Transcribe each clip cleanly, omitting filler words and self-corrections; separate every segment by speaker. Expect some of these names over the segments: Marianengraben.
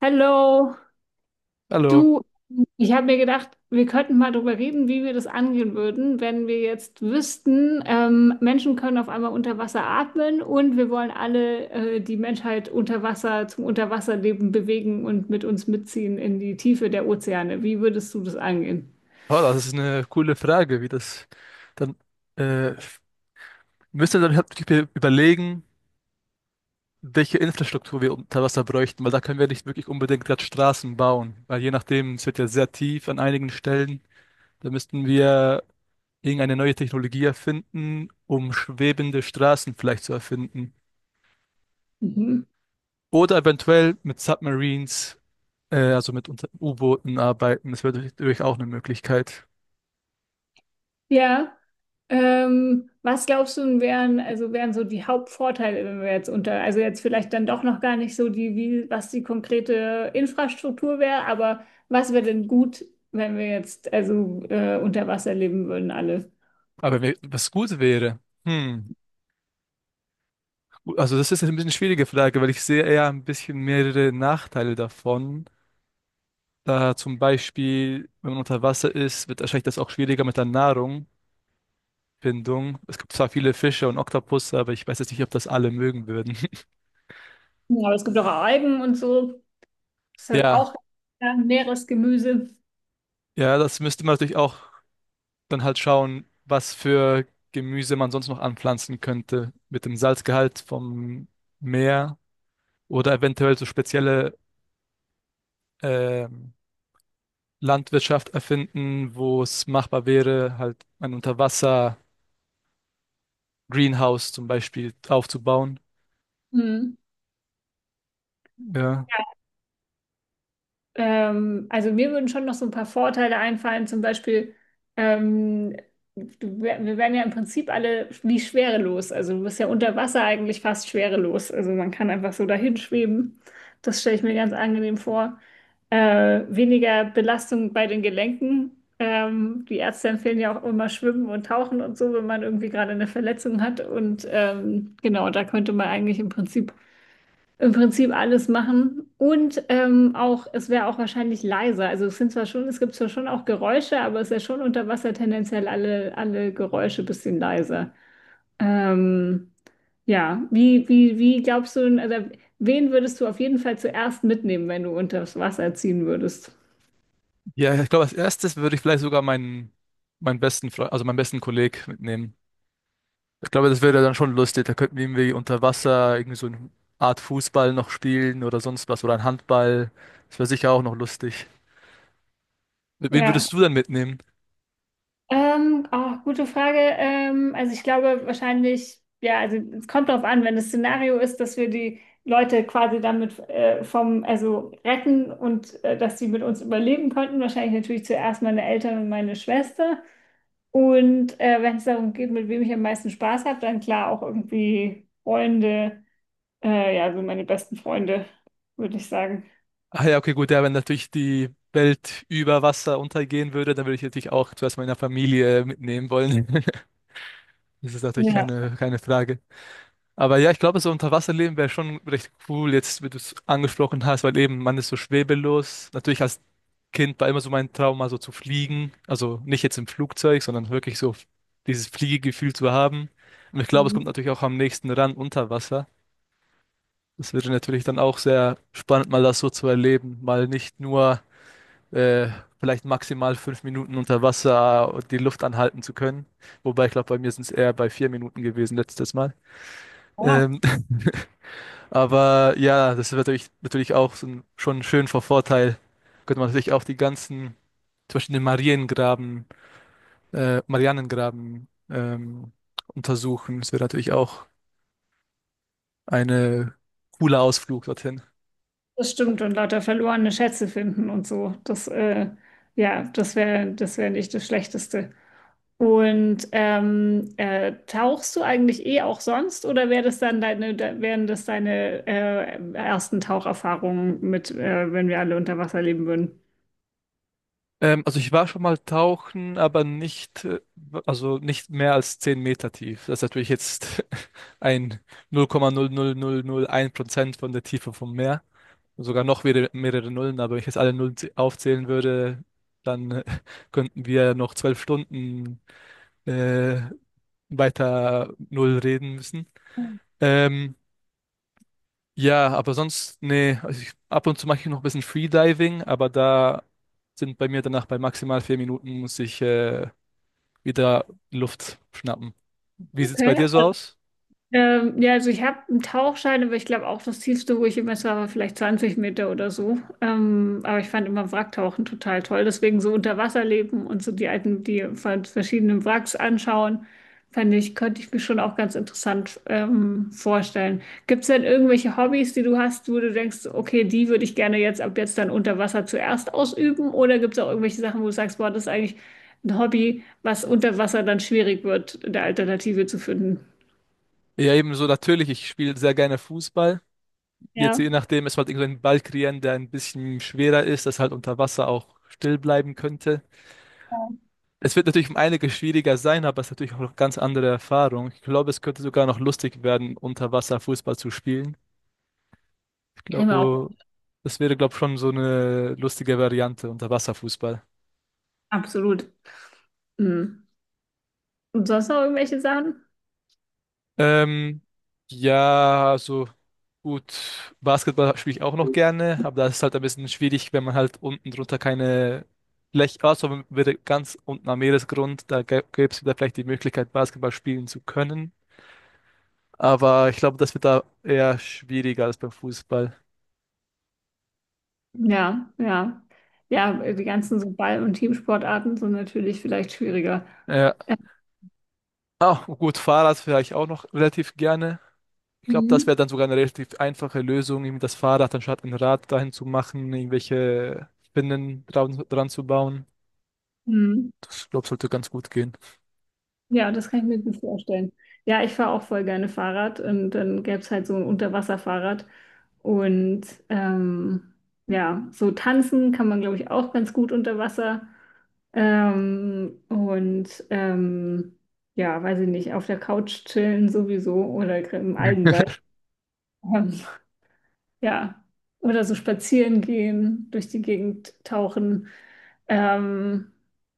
Speaker 1: Hallo,
Speaker 2: Hallo.
Speaker 1: du, ich habe mir gedacht, wir könnten mal darüber reden, wie wir das angehen würden, wenn wir jetzt wüssten, Menschen können auf einmal unter Wasser atmen und wir wollen alle die Menschheit unter Wasser zum Unterwasserleben bewegen und mit uns mitziehen in die Tiefe der Ozeane. Wie würdest du das angehen?
Speaker 2: Oh, das ist eine coole Frage. Wie das dann äh, müssen dann halt wirklich überlegen, welche Infrastruktur wir unter Wasser bräuchten, weil da können wir nicht wirklich unbedingt gerade Straßen bauen, weil je nachdem, es wird ja sehr tief an einigen Stellen. Da müssten wir irgendeine neue Technologie erfinden, um schwebende Straßen vielleicht zu erfinden.
Speaker 1: Mhm.
Speaker 2: Oder eventuell mit Submarines, also mit U-Booten arbeiten. Das wäre natürlich auch eine Möglichkeit.
Speaker 1: Ja, was glaubst du, wären, also wären so die Hauptvorteile, wenn wir jetzt unter, also jetzt vielleicht dann doch noch gar nicht so die, wie, was die konkrete Infrastruktur wäre, aber was wäre denn gut, wenn wir jetzt also unter Wasser leben würden alle?
Speaker 2: Aber wenn wir- was gut wäre. Hm. Also das ist ein bisschen eine schwierige Frage, weil ich sehe eher ein bisschen mehrere Nachteile davon. Da zum Beispiel, wenn man unter Wasser ist, wird wahrscheinlich das auch schwieriger mit der Nahrungfindung. Es gibt zwar viele Fische und Oktopusse, aber ich weiß jetzt nicht, ob das alle mögen würden.
Speaker 1: Ja, aber es gibt auch Algen und so, das ist halt
Speaker 2: Ja,
Speaker 1: auch ja, Meeresgemüse.
Speaker 2: ja, das müsste man natürlich auch dann halt schauen, was für Gemüse man sonst noch anpflanzen könnte mit dem Salzgehalt vom Meer, oder eventuell so spezielle ähm, Landwirtschaft erfinden, wo es machbar wäre, halt ein Unterwasser-Greenhouse zum Beispiel aufzubauen. Ja,
Speaker 1: Also mir würden schon noch so ein paar Vorteile einfallen, zum Beispiel, ähm, du, wir werden ja im Prinzip alle wie schwerelos. Also du bist ja unter Wasser eigentlich fast schwerelos. Also man kann einfach so dahin schweben. Das stelle ich mir ganz angenehm vor. Weniger Belastung bei den Gelenken. Die Ärzte empfehlen ja auch immer Schwimmen und Tauchen und so, wenn man irgendwie gerade eine Verletzung hat. Und genau, da könnte man eigentlich im Prinzip alles machen und auch, es wäre auch wahrscheinlich leiser. Also es sind zwar schon, es gibt zwar schon auch Geräusche, aber es ist ja schon unter Wasser tendenziell alle Geräusche ein bisschen leiser. Ähm, ja, wie glaubst du, also wen würdest du auf jeden Fall zuerst mitnehmen, wenn du unter das Wasser ziehen würdest?
Speaker 2: ja, ich glaube, als erstes würde ich vielleicht sogar meinen besten Freund, also meinen besten Kollegen mitnehmen. Ich glaube, das wäre dann schon lustig. Da könnten wir irgendwie unter Wasser irgendwie so eine Art Fußball noch spielen oder sonst was oder ein Handball. Das wäre sicher auch noch lustig. Mit wem
Speaker 1: Ja.
Speaker 2: würdest du dann mitnehmen?
Speaker 1: Auch gute Frage. Also ich glaube wahrscheinlich, ja, also es kommt darauf an, wenn das Szenario ist, dass wir die Leute quasi damit vom, also retten und dass sie mit uns überleben konnten, wahrscheinlich natürlich zuerst meine Eltern und meine Schwester. Und wenn es darum geht, mit wem ich am meisten Spaß habe, dann klar auch irgendwie Freunde, ja, so meine besten Freunde, würde ich sagen.
Speaker 2: Ah ja, okay, gut, ja, wenn natürlich die Welt über Wasser untergehen würde, dann würde ich natürlich auch zuerst meine Familie mitnehmen wollen. Das ist natürlich
Speaker 1: Ja.
Speaker 2: keine Frage. Aber ja, ich glaube, so Unterwasserleben wäre schon recht cool, jetzt, wie du es angesprochen hast, weil eben man ist so schwebelos. Natürlich als Kind war immer so mein Traum, mal so zu fliegen. Also nicht jetzt im Flugzeug, sondern wirklich so dieses Fliegegefühl zu haben. Und ich glaube, es kommt natürlich auch am nächsten ran unter Wasser. Das wäre natürlich dann auch sehr spannend, mal das so zu erleben. Mal nicht nur äh, vielleicht maximal 5 Minuten unter Wasser die Luft anhalten zu können. Wobei ich glaube, bei mir sind es eher bei 4 Minuten gewesen letztes Mal.
Speaker 1: Ja.
Speaker 2: Ähm, aber ja, das ist natürlich auch so ein, schon schön Vorteil. Könnte man natürlich auch zum Beispiel den Marianengraben untersuchen. Das wäre natürlich auch eine cooler Ausflug dorthin.
Speaker 1: Das stimmt, und lauter verlorene Schätze finden und so. Das, ja, das wäre nicht das Schlechteste. Und tauchst du eigentlich eh auch sonst oder wär das dann deine, da, wären das deine ersten Taucherfahrungen mit, wenn wir alle unter Wasser leben würden?
Speaker 2: Also ich war schon mal tauchen, aber nicht, also nicht mehr als 10 Meter tief. Das ist natürlich jetzt ein null Komma null null null null Komma Prozent von der Tiefe vom Meer. Sogar noch wieder mehrere Nullen, aber wenn ich jetzt alle Nullen aufzählen würde, dann könnten wir ja noch 12 Stunden äh, weiter Null reden müssen. Ähm, ja, aber sonst, nee, also ich, ab und zu mache ich noch ein bisschen Freediving, aber da sind bei mir danach bei maximal 4 Minuten muss ich wieder Luft schnappen. Wie sieht's bei
Speaker 1: Okay.
Speaker 2: dir so aus?
Speaker 1: Ja, also ich habe einen Tauchschein, aber ich glaube auch das tiefste, wo ich immer war, war vielleicht 20 Meter oder so. Aber ich fand immer Wracktauchen total toll. Deswegen so unter Wasser leben und so die alten, die von verschiedenen Wracks anschauen, fand ich, könnte ich mir schon auch ganz interessant vorstellen. Gibt es denn irgendwelche Hobbys, die du hast, wo du denkst, okay, die würde ich gerne jetzt ab jetzt dann unter Wasser zuerst ausüben? Oder gibt es auch irgendwelche Sachen, wo du sagst, boah, das ist eigentlich ein Hobby, was unter Wasser dann schwierig wird, eine Alternative zu finden?
Speaker 2: Ja, ebenso natürlich, ich spiele sehr gerne Fußball. Jetzt
Speaker 1: Ja.
Speaker 2: je nachdem, es halt irgendeinen Ball kreieren, der ein bisschen schwerer ist, das halt unter Wasser auch still bleiben könnte. Es wird natürlich um einiges schwieriger sein, aber es ist natürlich auch noch ganz andere Erfahrung. Ich glaube, es könnte sogar noch lustig werden, unter Wasser Fußball zu spielen. Ich
Speaker 1: Kann ich mir auch
Speaker 2: glaube, das wäre, glaube ich, schon so eine lustige Variante, unter Wasser Fußball.
Speaker 1: absolut. Mhm. Und sonst noch irgendwelche Sachen?
Speaker 2: Ähm, ja, also gut, Basketball spiele ich auch noch gerne, aber das ist halt ein bisschen schwierig, wenn man halt unten drunter keine Fläche, also wenn wir ganz unten am Meeresgrund, da gäbe es wieder vielleicht die Möglichkeit, Basketball spielen zu können. Aber ich glaube, das wird da eher schwieriger als beim Fußball.
Speaker 1: Ja, ja. Ja, die ganzen so Ball- und Teamsportarten sind natürlich vielleicht schwieriger.
Speaker 2: Ja. Ah, gut, Fahrrad fahre ich auch noch relativ gerne. Ich glaube, das
Speaker 1: Mhm.
Speaker 2: wäre dann sogar eine relativ einfache Lösung, irgendwie das Fahrrad anstatt ein Rad dahin zu machen, irgendwelche Spinnen dran zu bauen.
Speaker 1: Mhm.
Speaker 2: Das, glaube sollte ganz gut gehen.
Speaker 1: Ja, das kann ich mir gut vorstellen. Ja, ich fahre auch voll gerne Fahrrad und dann gäbe es halt so ein Unterwasserfahrrad. Und ja, so tanzen kann man, glaube ich, auch ganz gut unter Wasser. Ähm, und ähm, ja, weiß ich nicht, auf der Couch chillen sowieso oder im Algenwald. Ähm, ja, oder so spazieren gehen, durch die Gegend tauchen. Ähm,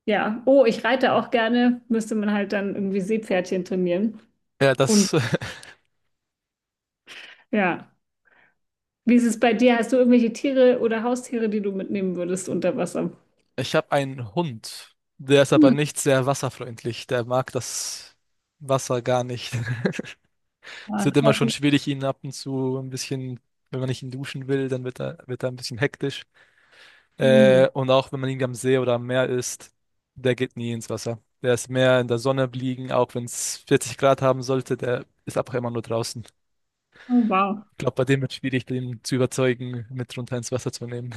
Speaker 1: ja, oh, ich reite auch gerne, müsste man halt dann irgendwie Seepferdchen trainieren.
Speaker 2: Ja,
Speaker 1: Und
Speaker 2: das
Speaker 1: ja, wie ist es bei dir? Hast du irgendwelche Tiere oder Haustiere, die du mitnehmen würdest unter Wasser?
Speaker 2: Ich habe einen Hund, der ist aber
Speaker 1: Hm.
Speaker 2: nicht sehr wasserfreundlich. Der mag das Wasser gar nicht. Es
Speaker 1: Ah,
Speaker 2: wird immer
Speaker 1: das
Speaker 2: schon
Speaker 1: ist,
Speaker 2: schwierig, ihn ab und zu ein bisschen, wenn man nicht ihn duschen will, dann wird er ein bisschen hektisch.
Speaker 1: hm.
Speaker 2: Und auch wenn man ihn am See oder am Meer ist, der geht nie ins Wasser. Der ist mehr in der Sonne liegen, auch wenn es 40 Grad haben sollte, der ist einfach immer nur draußen.
Speaker 1: Oh, wow.
Speaker 2: Ich glaube, bei dem wird es schwierig, den zu überzeugen, mit runter ins Wasser zu nehmen.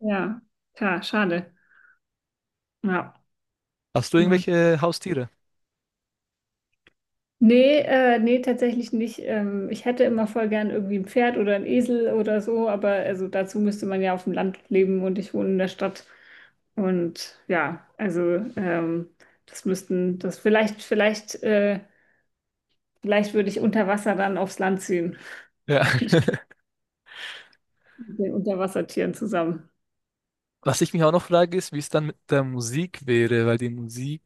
Speaker 1: Ja, klar, schade. Ja.
Speaker 2: Hast du
Speaker 1: Hm.
Speaker 2: irgendwelche Haustiere?
Speaker 1: Nee, nee, tatsächlich nicht. Ich hätte immer voll gern irgendwie ein Pferd oder ein Esel oder so, aber also dazu müsste man ja auf dem Land leben und ich wohne in der Stadt. Und ja, also das müssten, das vielleicht würde ich unter Wasser dann aufs Land ziehen,
Speaker 2: Ja.
Speaker 1: mit den Unterwassertieren zusammen.
Speaker 2: Was ich mich auch noch frage, ist, wie es dann mit der Musik wäre, weil die Musik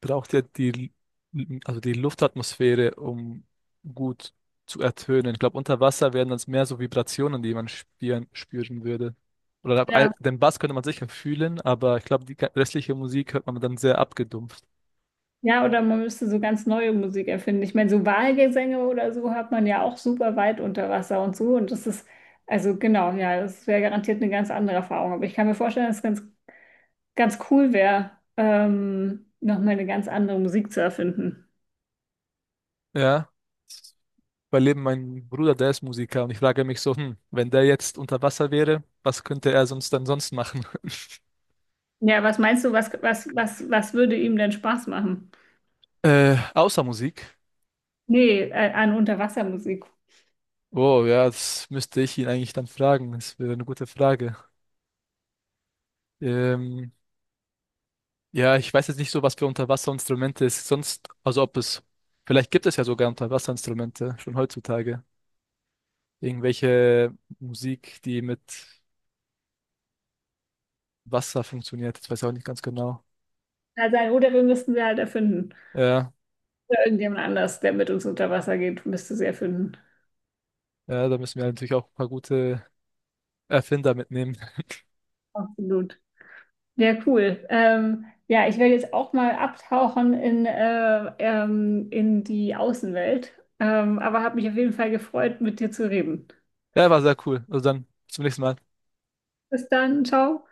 Speaker 2: braucht ja also die Luftatmosphäre, um gut zu ertönen. Ich glaube, unter Wasser wären das mehr so Vibrationen, die man spüren würde. Oder
Speaker 1: Ja.
Speaker 2: den Bass könnte man sicher fühlen, aber ich glaube, die restliche Musik hört man dann sehr abgedumpft.
Speaker 1: Ja, oder man müsste so ganz neue Musik erfinden. Ich meine, so Walgesänge oder so hat man ja auch super weit unter Wasser und so. Und das ist, also genau, ja, das wäre garantiert eine ganz andere Erfahrung. Aber ich kann mir vorstellen, dass es ganz cool wäre, nochmal eine ganz andere Musik zu erfinden.
Speaker 2: Ja. Bei Leben, mein Bruder, der ist Musiker und ich frage mich so, hm, wenn der jetzt unter Wasser wäre, was könnte er sonst dann sonst machen?
Speaker 1: Ja, was meinst du, was würde ihm denn Spaß machen?
Speaker 2: Außer Musik.
Speaker 1: Nee, an Unterwassermusik.
Speaker 2: Oh, ja, das müsste ich ihn eigentlich dann fragen. Das wäre eine gute Frage. Ähm, ja, ich weiß jetzt nicht so, was für Unterwasserinstrumente es sonst, also ob es, vielleicht gibt es ja sogar Unterwasserinstrumente schon heutzutage. Irgendwelche Musik, die mit Wasser funktioniert. Ich weiß ich auch nicht ganz genau.
Speaker 1: Also, oder wir müssten sie halt erfinden.
Speaker 2: Ja,
Speaker 1: Oder irgendjemand anders, der mit uns unter Wasser geht, müsste sie erfinden.
Speaker 2: ja, da müssen wir natürlich auch ein paar gute Erfinder mitnehmen.
Speaker 1: Absolut. Ja, cool. Ja, ich werde jetzt auch mal abtauchen in die Außenwelt. Aber habe mich auf jeden Fall gefreut, mit dir zu reden.
Speaker 2: Ja, war sehr cool. Also dann zum nächsten Mal.
Speaker 1: Bis dann, ciao.